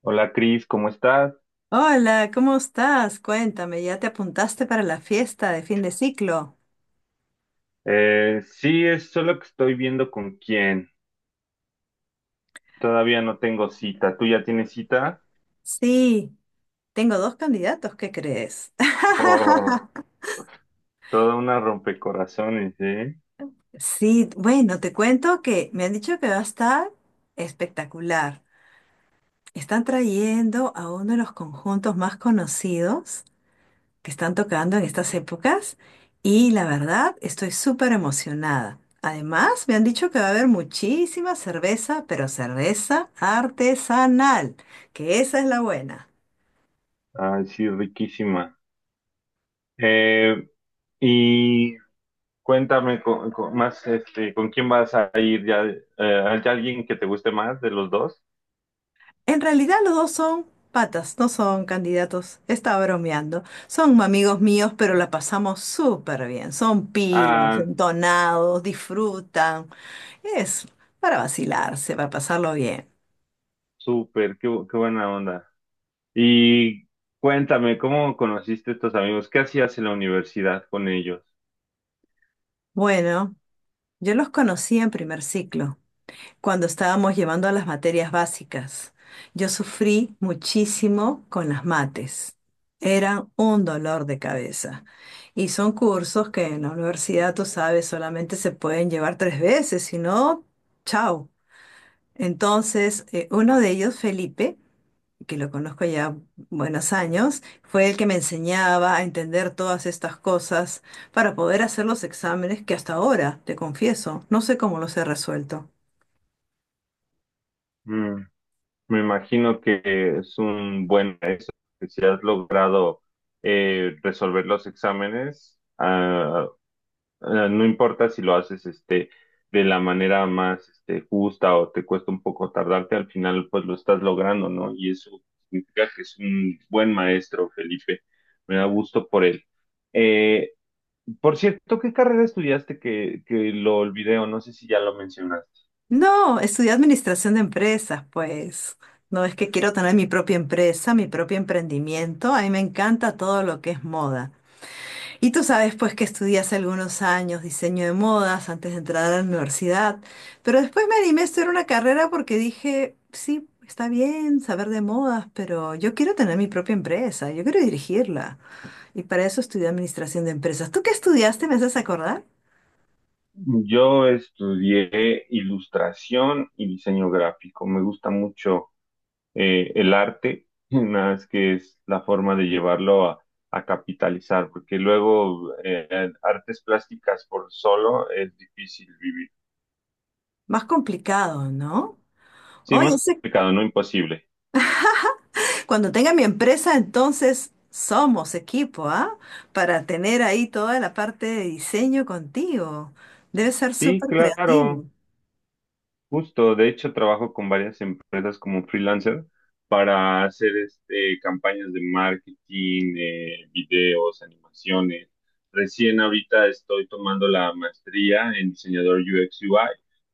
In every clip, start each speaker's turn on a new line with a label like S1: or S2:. S1: Hola Cris, ¿cómo estás?
S2: Hola, ¿cómo estás? Cuéntame, ¿ya te apuntaste para la fiesta de fin de ciclo?
S1: Sí, es solo que estoy viendo con quién. Todavía no tengo cita. ¿Tú ya tienes cita?
S2: Sí, tengo dos candidatos, ¿qué crees?
S1: Oh, toda una rompecorazones, ¿eh?
S2: Sí, bueno, te cuento que me han dicho que va a estar espectacular. Están trayendo a uno de los conjuntos más conocidos que están tocando en estas épocas y la verdad estoy súper emocionada. Además, me han dicho que va a haber muchísima cerveza, pero cerveza artesanal, que esa es la buena.
S1: Ay, sí, riquísima. Eh, y cuéntame más, este, ¿con quién vas a ir ya? ¿Hay alguien que te guste más de los dos?
S2: En realidad los dos son patas, no son candidatos. Estaba bromeando. Son amigos míos, pero la pasamos súper bien. Son pilas,
S1: Ah,
S2: entonados, disfrutan. Es para vacilarse, para pasarlo bien.
S1: súper, qué buena onda. Y cuéntame, ¿cómo conociste a estos amigos? ¿Qué hacías en la universidad con ellos?
S2: Bueno, yo los conocí en primer ciclo, cuando estábamos llevando a las materias básicas. Yo sufrí muchísimo con las mates. Eran un dolor de cabeza. Y son cursos que en la universidad, tú sabes, solamente se pueden llevar tres veces, si no, chao. Entonces, uno de ellos, Felipe, que lo conozco ya buenos años, fue el que me enseñaba a entender todas estas cosas para poder hacer los exámenes que hasta ahora, te confieso, no sé cómo los he resuelto.
S1: Mm. Me imagino que es un buen maestro, que si has logrado resolver los exámenes, no importa si lo haces este, de la manera más este, justa o te cuesta un poco tardarte, al final pues lo estás logrando, ¿no? Y eso significa que es un buen maestro, Felipe. Me da gusto por él. Eh, por cierto, ¿qué carrera estudiaste que lo olvidé o no sé si ya lo mencionaste?
S2: No, estudié administración de empresas, pues. No es que quiero tener mi propia empresa, mi propio emprendimiento. A mí me encanta todo lo que es moda. Y tú sabes, pues, que estudié hace algunos años diseño de modas antes de entrar a la universidad. Pero después me animé a estudiar una carrera porque dije, sí, está bien saber de modas, pero yo quiero tener mi propia empresa, yo quiero dirigirla. Y para eso estudié administración de empresas. ¿Tú qué estudiaste? ¿Me haces acordar?
S1: Yo estudié ilustración y diseño gráfico. Me gusta mucho el arte, nada más que es la forma de llevarlo a capitalizar, porque luego artes plásticas por solo es difícil vivir.
S2: Más complicado, ¿no?
S1: Sí,
S2: Oye,
S1: más
S2: ese,
S1: complicado, no imposible.
S2: cuando tenga mi empresa, entonces somos equipo, ¿ah? Para tener ahí toda la parte de diseño contigo. Debe ser
S1: Sí,
S2: súper
S1: claro.
S2: creativo.
S1: Justo, de hecho trabajo con varias empresas como freelancer para hacer este, campañas de marketing, videos, animaciones. Recién ahorita estoy tomando la maestría en diseñador UX UI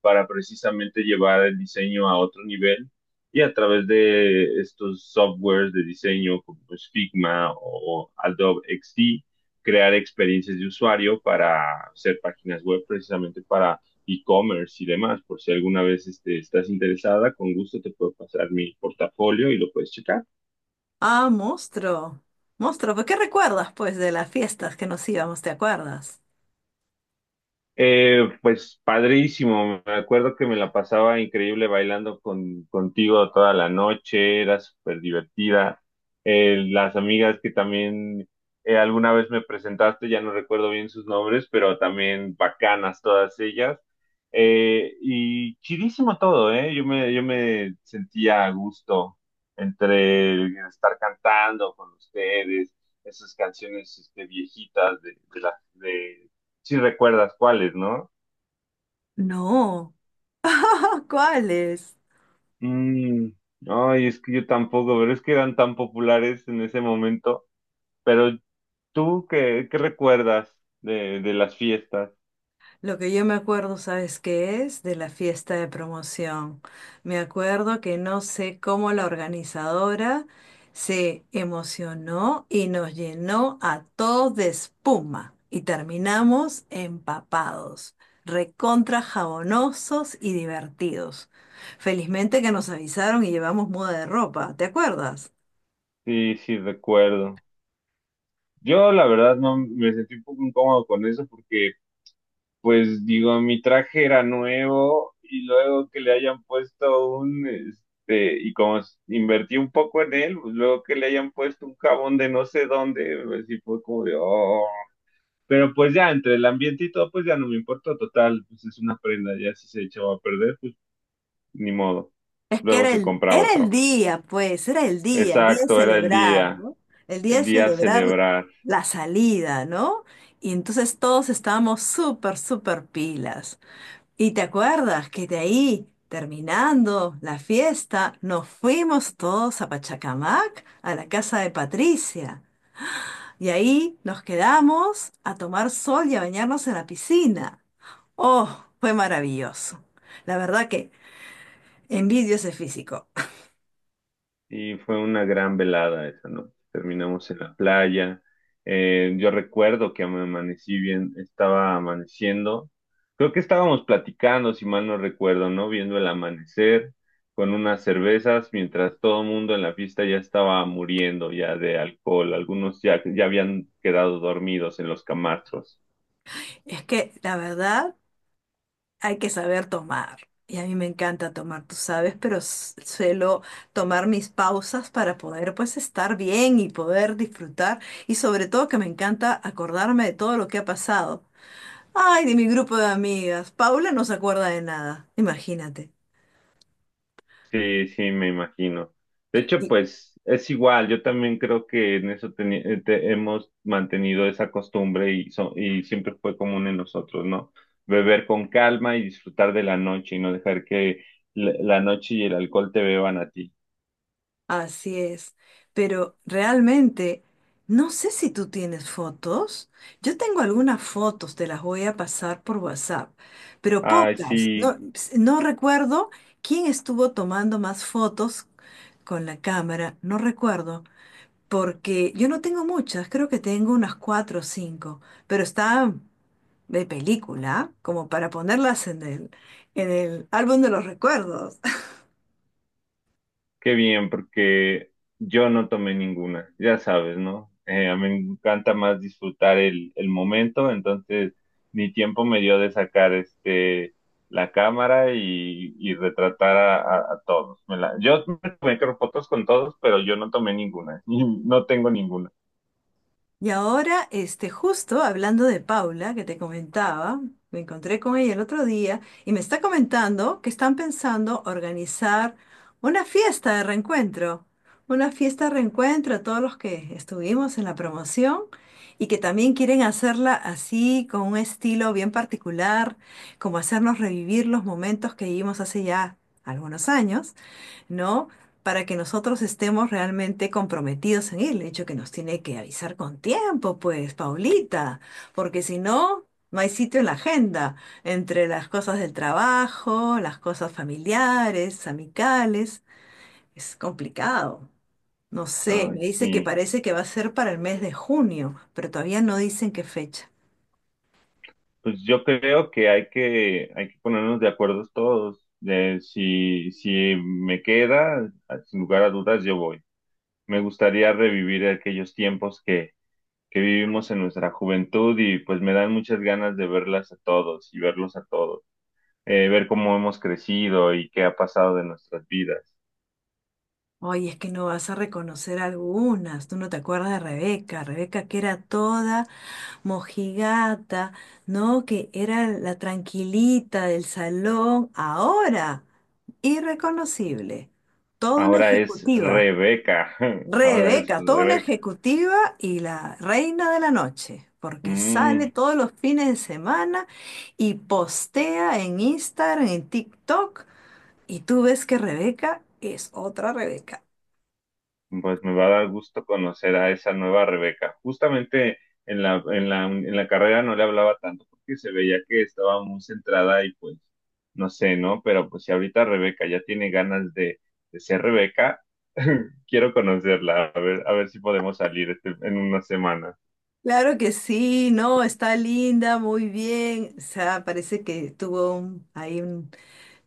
S1: para precisamente llevar el diseño a otro nivel y a través de estos softwares de diseño como pues, Figma o Adobe XD, crear experiencias de usuario para hacer páginas web precisamente e-commerce y demás, por si alguna vez este, estás interesada, con gusto te puedo pasar mi portafolio y lo puedes checar.
S2: Ah, monstruo. Monstruo, ¿pues qué recuerdas, pues, de las fiestas que nos íbamos? ¿Te acuerdas?
S1: Pues padrísimo, me acuerdo que me la pasaba increíble bailando contigo toda la noche, era súper divertida. Las amigas que también alguna vez me presentaste, ya no recuerdo bien sus nombres, pero también bacanas todas ellas. Y chidísimo todo, ¿eh? Yo me sentía a gusto entre el estar cantando con ustedes, esas canciones este, viejitas de si recuerdas cuáles, ¿no?
S2: No. ¿Cuáles?
S1: Mm, ay, es que yo tampoco, pero es que eran tan populares en ese momento. Pero tú, ¿qué recuerdas de las fiestas?
S2: Lo que yo me acuerdo, ¿sabes qué es? De la fiesta de promoción. Me acuerdo que no sé cómo la organizadora se emocionó y nos llenó a todos de espuma y terminamos empapados, recontra jabonosos y divertidos. Felizmente que nos avisaron y llevamos muda de ropa, ¿te acuerdas?
S1: Sí, sí, recuerdo. Yo, la verdad, no me sentí un poco incómodo con eso porque, pues, digo, mi traje era nuevo y luego que le hayan puesto un, este, y como invertí un poco en él, pues luego que le hayan puesto un jabón de no sé dónde, pues sí fue como de, "Oh, Pero pues ya entre el ambiente y todo, pues ya no me importó, total, pues es una prenda, ya si se echaba a perder, pues ni modo.
S2: Es que
S1: Luego
S2: era
S1: se
S2: el,
S1: compra
S2: era el
S1: otro.
S2: día, pues, el día de
S1: Exacto, era
S2: celebrar, ¿no? El día
S1: el
S2: de
S1: día a
S2: celebrar
S1: celebrar.
S2: la salida, ¿no? Y entonces todos estábamos súper pilas. Y te acuerdas que de ahí, terminando la fiesta, nos fuimos todos a Pachacamac, a la casa de Patricia. Y ahí nos quedamos a tomar sol y a bañarnos en la piscina. Oh, fue maravilloso. La verdad que envidio ese físico.
S1: Y fue una gran velada esa noche. Terminamos en la playa. Yo recuerdo que me amanecí bien, estaba amaneciendo. Creo que estábamos platicando, si mal no recuerdo, ¿no? Viendo el amanecer con unas cervezas, mientras todo el mundo en la fiesta ya estaba muriendo ya de alcohol. Algunos ya habían quedado dormidos en los camastros.
S2: Es que la verdad hay que saber tomar. Y a mí me encanta tomar, tú sabes, pero suelo tomar mis pausas para poder pues estar bien y poder disfrutar. Y sobre todo que me encanta acordarme de todo lo que ha pasado. Ay, de mi grupo de amigas. Paula no se acuerda de nada, imagínate.
S1: Sí, sí, me imagino. De hecho, pues es igual, yo también creo que en eso hemos mantenido esa costumbre y siempre fue común en nosotros, ¿no? Beber con calma y disfrutar de la noche y no dejar que la la noche y el alcohol te beban a ti.
S2: Así es, pero realmente no sé si tú tienes fotos. Yo tengo algunas fotos, te las voy a pasar por WhatsApp, pero
S1: Ay,
S2: pocas. No,
S1: sí,
S2: no recuerdo quién estuvo tomando más fotos con la cámara, no recuerdo, porque yo no tengo muchas, creo que tengo unas cuatro o cinco, pero están de película, como para ponerlas en el álbum de los recuerdos.
S1: qué bien, porque yo no tomé ninguna, ya sabes, ¿no? A mí me encanta más disfrutar el momento, entonces ni tiempo me dio de sacar este la cámara y retratar a todos. Yo me tomé creo, fotos con todos, pero yo no tomé ninguna, y no tengo ninguna.
S2: Y ahora, este, justo hablando de Paula, que te comentaba, me encontré con ella el otro día y me está comentando que están pensando organizar una fiesta de reencuentro, una fiesta de reencuentro a todos los que estuvimos en la promoción y que también quieren hacerla así, con un estilo bien particular, como hacernos revivir los momentos que vivimos hace ya algunos años, ¿no? Para que nosotros estemos realmente comprometidos en él. De hecho, que nos tiene que avisar con tiempo, pues, Paulita, porque si no, no hay sitio en la agenda entre las cosas del trabajo, las cosas familiares, amicales. Es complicado. No sé, me
S1: Ay,
S2: dice que
S1: sí.
S2: parece que va a ser para el mes de junio, pero todavía no dicen qué fecha.
S1: Pues yo creo que hay que ponernos de acuerdo todos. De si me queda, sin lugar a dudas, yo voy. Me gustaría revivir aquellos tiempos que vivimos en nuestra juventud y pues me dan muchas ganas de verlas a todos y verlos a todos, ver cómo hemos crecido y qué ha pasado de nuestras vidas.
S2: Ay, es que no vas a reconocer algunas. Tú no te acuerdas de Rebeca. Rebeca que era toda mojigata, ¿no? Que era la tranquilita del salón. Ahora, irreconocible. Toda una
S1: Ahora es
S2: ejecutiva.
S1: Rebeca, ahora es
S2: Rebeca, toda una
S1: Rebeca.
S2: ejecutiva y la reina de la noche. Porque sale
S1: Mm,
S2: todos los fines de semana y postea en Instagram, en TikTok. Y tú ves que Rebeca es otra Rebeca.
S1: Pues me va a dar gusto conocer a esa nueva Rebeca. Justamente en la carrera no le hablaba tanto porque se veía que estaba muy centrada y pues no sé, ¿no? Pero pues si ahorita Rebeca ya tiene ganas de ser Rebeca, quiero conocerla, a ver si podemos salir en una semana.
S2: Claro que sí, no, está linda, muy bien. O sea, parece que tuvo ahí un,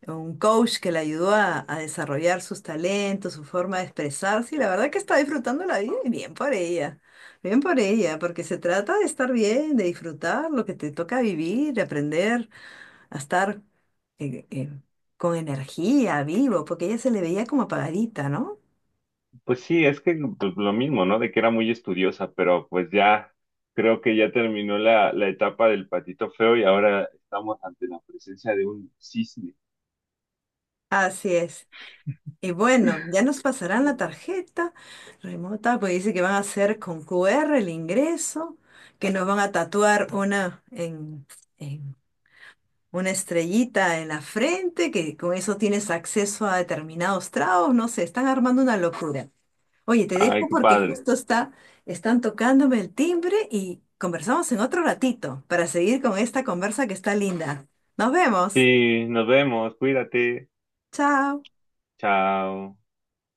S2: un coach que la ayudó a desarrollar sus talentos, su forma de expresarse, y la verdad que está disfrutando la vida y bien por ella, porque se trata de estar bien, de disfrutar lo que te toca vivir, de aprender a estar eh, eh, con energía, vivo, porque ella se le veía como apagadita, ¿no?
S1: Pues sí, es que pues, lo mismo, ¿no? De que era muy estudiosa, pero pues ya creo que ya terminó la etapa del patito feo y ahora estamos ante la presencia de un cisne.
S2: Así es. Y bueno, ya nos pasarán la tarjeta remota, pues dice que van a hacer con QR el ingreso, que nos van a tatuar una en una estrellita en la frente, que con eso tienes acceso a determinados tragos, no sé, están armando una locura. Oye, te dejo
S1: Ay, qué
S2: porque
S1: padre.
S2: justo está, están tocándome el timbre y conversamos en otro ratito para seguir con esta conversa que está linda. Nos vemos.
S1: Sí, nos vemos, cuídate,
S2: Chao.
S1: chao.